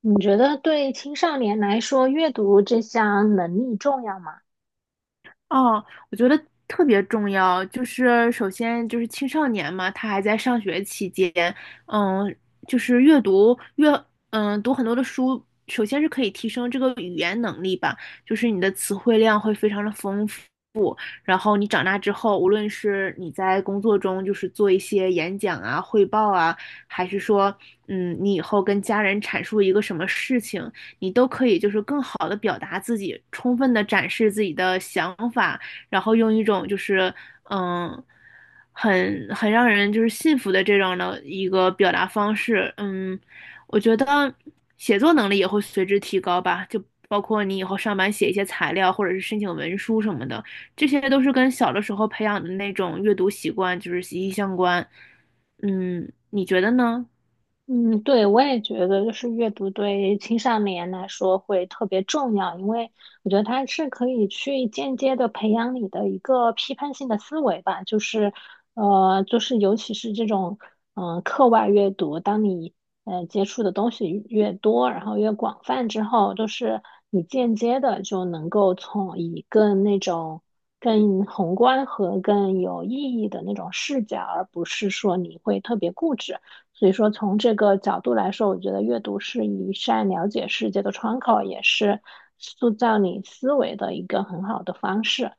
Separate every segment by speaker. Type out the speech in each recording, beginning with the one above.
Speaker 1: 你觉得对青少年来说，阅读这项能力重要吗？
Speaker 2: 哦，我觉得特别重要，就是首先就是青少年嘛，他还在上学期间，嗯，就是阅读读很多的书，首先是可以提升这个语言能力吧，就是你的词汇量会非常的丰富，然后你长大之后，无论是你在工作中就是做一些演讲啊、汇报啊，还是说，你以后跟家人阐述一个什么事情，你都可以就是更好的表达自己，充分的展示自己的想法，然后用一种就是嗯。很让人就是信服的这种的一个表达方式，我觉得写作能力也会随之提高吧，就包括你以后上班写一些材料或者是申请文书什么的，这些都是跟小的时候培养的那种阅读习惯就是息息相关。你觉得呢？
Speaker 1: 嗯，对，我也觉得，就是阅读对青少年来说会特别重要，因为我觉得它是可以去间接的培养你的一个批判性的思维吧，就是尤其是这种，嗯、课外阅读，当你接触的东西越多，然后越广泛之后，就是你间接的就能够从以更那种更宏观和更有意义的那种视角，而不是说你会特别固执。所以说，从这个角度来说，我觉得阅读是一扇了解世界的窗口，也是塑造你思维的一个很好的方式。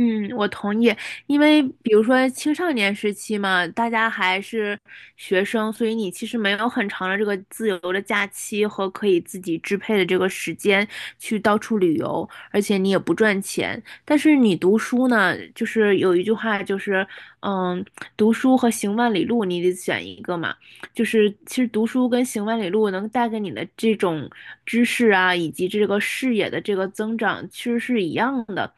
Speaker 2: 嗯，我同意，因为比如说青少年时期嘛，大家还是学生，所以你其实没有很长的这个自由的假期和可以自己支配的这个时间去到处旅游，而且你也不赚钱。但是你读书呢，就是有一句话就是，嗯，读书和行万里路，你得选一个嘛。就是其实读书跟行万里路能带给你的这种知识啊，以及这个视野的这个增长，其实是一样的，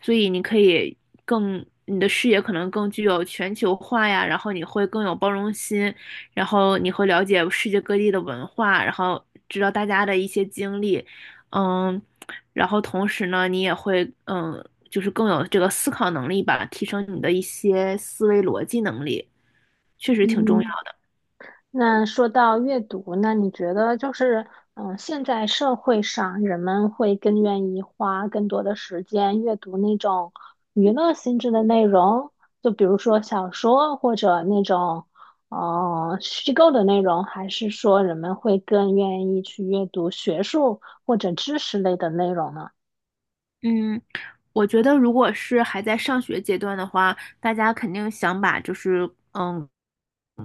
Speaker 2: 所以你可以更。你的视野可能更具有全球化呀，然后你会更有包容心，然后你会了解世界各地的文化，然后知道大家的一些经历，嗯，然后同时呢，你也会就是更有这个思考能力吧，提升你的一些思维逻辑能力，确实挺重要。
Speaker 1: 嗯。那说到阅读，那你觉得就是，嗯，现在社会上人们会更愿意花更多的时间阅读那种娱乐性质的内容，就比如说小说或者那种，呃，虚构的内容，还是说人们会更愿意去阅读学术或者知识类的内容呢？
Speaker 2: 嗯，我觉得如果是还在上学阶段的话，大家肯定想把就是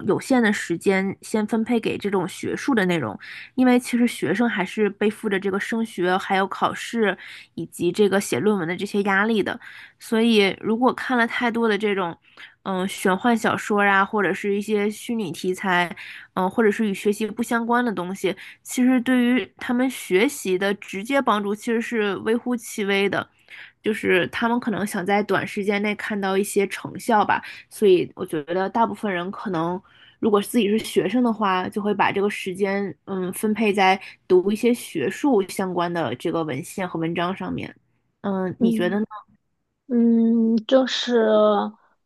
Speaker 2: 有限的时间先分配给这种学术的内容，因为其实学生还是背负着这个升学、还有考试以及这个写论文的这些压力的，所以如果看了太多的这种，玄幻小说啊，或者是一些虚拟题材，或者是与学习不相关的东西，其实对于他们学习的直接帮助其实是微乎其微的，就是他们可能想在短时间内看到一些成效吧。所以我觉得大部分人可能，如果自己是学生的话，就会把这个时间，分配在读一些学术相关的这个文献和文章上面。你觉
Speaker 1: 嗯。
Speaker 2: 得呢？
Speaker 1: 嗯，就是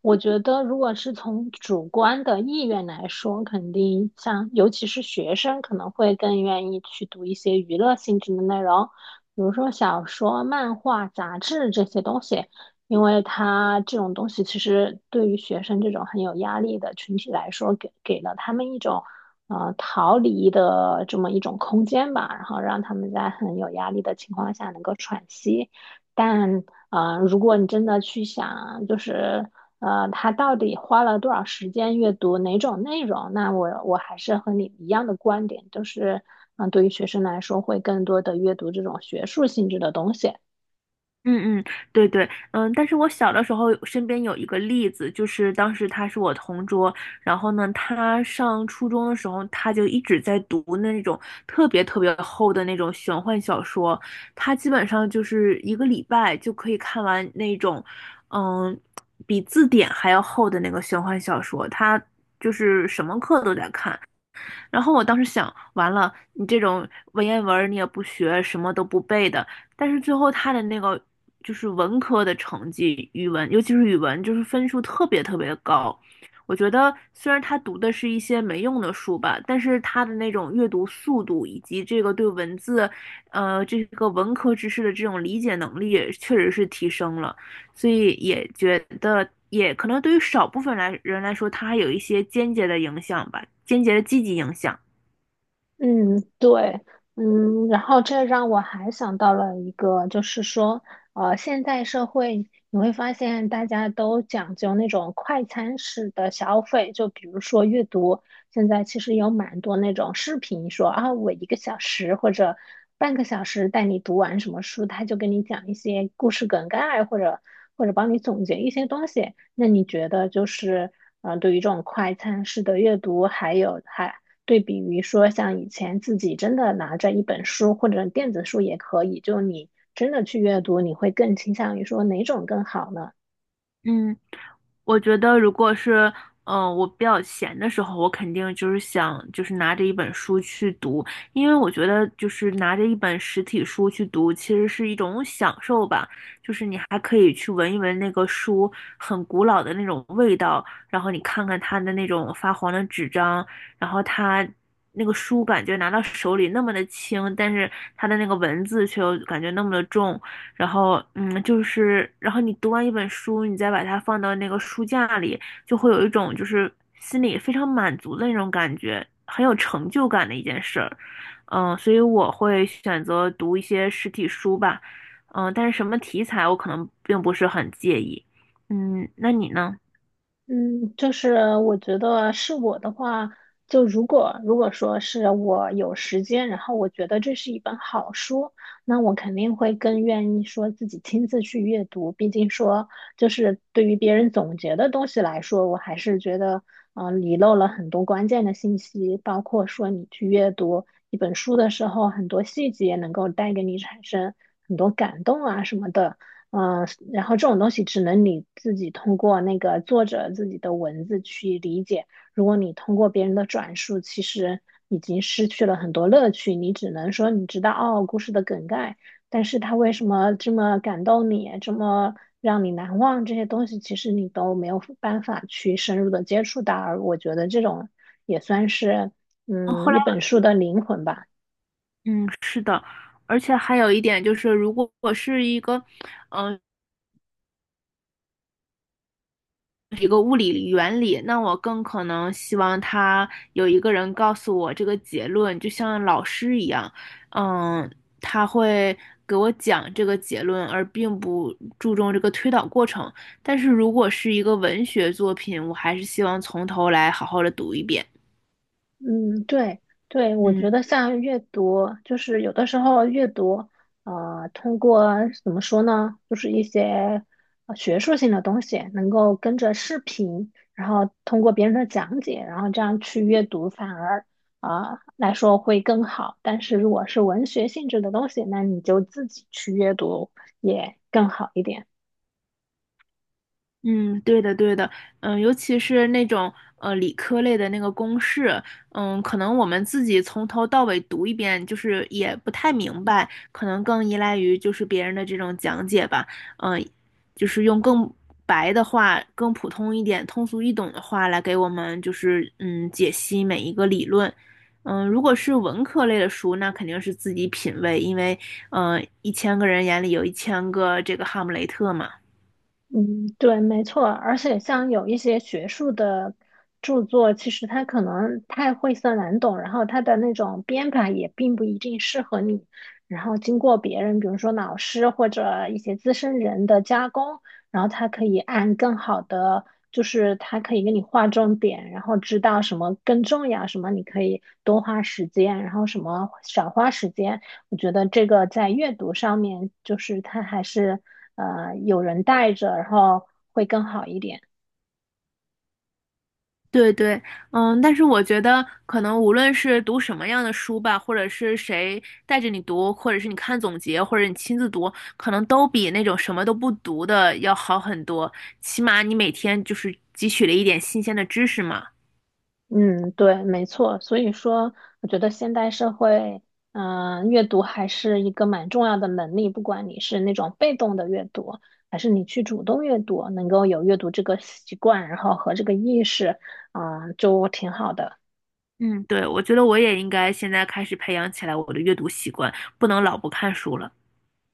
Speaker 1: 我觉得，如果是从主观的意愿来说，肯定像尤其是学生，可能会更愿意去读一些娱乐性质的内容，比如说小说、漫画、杂志这些东西，因为它这种东西其实对于学生这种很有压力的群体来说，给了他们一种逃离的这么一种空间吧，然后让他们在很有压力的情况下能够喘息。但如果你真的去想，他到底花了多少时间阅读哪种内容，那我还是和你一样的观点，就是对于学生来说，会更多的阅读这种学术性质的东西。
Speaker 2: 嗯嗯，对对，但是我小的时候身边有一个例子，就是当时他是我同桌，然后呢，他上初中的时候，他就一直在读那种特别特别厚的那种玄幻小说，他基本上就是一个礼拜就可以看完那种，嗯，比字典还要厚的那个玄幻小说，他就是什么课都在看，然后我当时想，完了，你这种文言文儿你也不学，什么都不背的，但是最后他的那个就是文科的成绩，语文尤其是语文，就是分数特别特别的高。我觉得虽然他读的是一些没用的书吧，但是他的那种阅读速度以及这个对文字，这个文科知识的这种理解能力，确实是提升了。所以也觉得，也可能对于少部分来人来说，它有一些间接的影响吧，间接的积极影响。
Speaker 1: 嗯，对，嗯，然后这让我还想到了一个，就是说，呃，现代社会你会发现大家都讲究那种快餐式的消费，就比如说阅读，现在其实有蛮多那种视频说啊，我一个小时或者半个小时带你读完什么书，他就跟你讲一些故事梗概，或者帮你总结一些东西。那你觉得就是，呃，对于这种快餐式的阅读，还有还对比于说，像以前自己真的拿着一本书或者电子书也可以，就你真的去阅读，你会更倾向于说哪种更好呢？
Speaker 2: 嗯，我觉得如果是，我比较闲的时候，我肯定就是想，就是拿着一本书去读，因为我觉得就是拿着一本实体书去读，其实是一种享受吧。还可以去闻一闻那个书很古老的那种味道，然后你看看它的那种发黄的纸张，然后它那个书感觉拿到手里那么的轻，但是它的那个文字却又感觉那么的重，然后就是然后你读完一本书，你再把它放到那个书架里，就会有一种就是心里非常满足的那种感觉，很有成就感的一件事儿。所以我会选择读一些实体书吧。但是什么题材我可能并不是很介意。那你呢？
Speaker 1: 嗯，就是我觉得是我的话，就如果说是我有时间，然后我觉得这是一本好书，那我肯定会更愿意说自己亲自去阅读。毕竟说，就是对于别人总结的东西来说，我还是觉得，遗漏了很多关键的信息，包括说你去阅读一本书的时候，很多细节能够带给你产生很多感动啊什么的。嗯、呃然后这种东西只能你自己通过那个作者自己的文字去理解。如果你通过别人的转述，其实已经失去了很多乐趣。你只能说你知道哦故事的梗概，但是他为什么这么感动你，这么让你难忘这些东西，其实你都没有办法去深入的接触到。而我觉得这种也算是
Speaker 2: 哦，后来，
Speaker 1: 一本书的灵魂吧。
Speaker 2: 嗯，是的，而且还有一点就是，如果我是一个，嗯、一个物理原理，那我更可能希望他有一个人告诉我这个结论，就像老师一样，嗯，他会给我讲这个结论，而并不注重这个推导过程。但是如果是一个文学作品，我还是希望从头来好好的读一遍。
Speaker 1: 嗯，对对，我
Speaker 2: 嗯。
Speaker 1: 觉得像阅读，就是有的时候阅读，通过怎么说呢，就是一些学术性的东西，能够跟着视频，然后通过别人的讲解，然后这样去阅读，反而来说会更好。但是如果是文学性质的东西，那你就自己去阅读也更好一点。
Speaker 2: 嗯，对的，对的，尤其是那种理科类的那个公式，可能我们自己从头到尾读一遍，就是也不太明白，可能更依赖于就是别人的这种讲解吧，嗯，就是用更白的话、更普通一点、通俗易懂的话来给我们就是解析每一个理论，如果是文科类的书，那肯定是自己品味，因为一千个人眼里有一千个这个哈姆雷特嘛。
Speaker 1: 嗯，对，没错，而且像有一些学术的著作，其实它可能太晦涩难懂，然后它的那种编排也并不一定适合你。然后经过别人，比如说老师或者一些资深人的加工，然后它可以按更好的，就是它可以给你划重点，然后知道什么更重要，什么你可以多花时间，然后什么少花时间。我觉得这个在阅读上面，就是它还是有人带着，然后会更好一点。
Speaker 2: 对对，但是我觉得可能无论是读什么样的书吧，或者是谁带着你读，或者是你看总结，或者你亲自读，可能都比那种什么都不读的要好很多。起码你每天就是汲取了一点新鲜的知识嘛。
Speaker 1: 嗯，对，没错。所以说，我觉得现代社会，阅读还是一个蛮重要的能力。不管你是那种被动的阅读，还是你去主动阅读，能够有阅读这个习惯，然后和这个意识，就挺好的。
Speaker 2: 嗯，对，我觉得我也应该现在开始培养起来我的阅读习惯，不能老不看书了。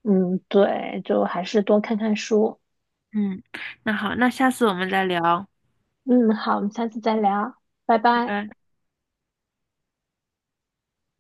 Speaker 1: 嗯，对，就还是多看看书。
Speaker 2: 嗯，那好，那下次我们再聊，
Speaker 1: 嗯，好，我们下次再聊，拜
Speaker 2: 拜
Speaker 1: 拜。
Speaker 2: 拜。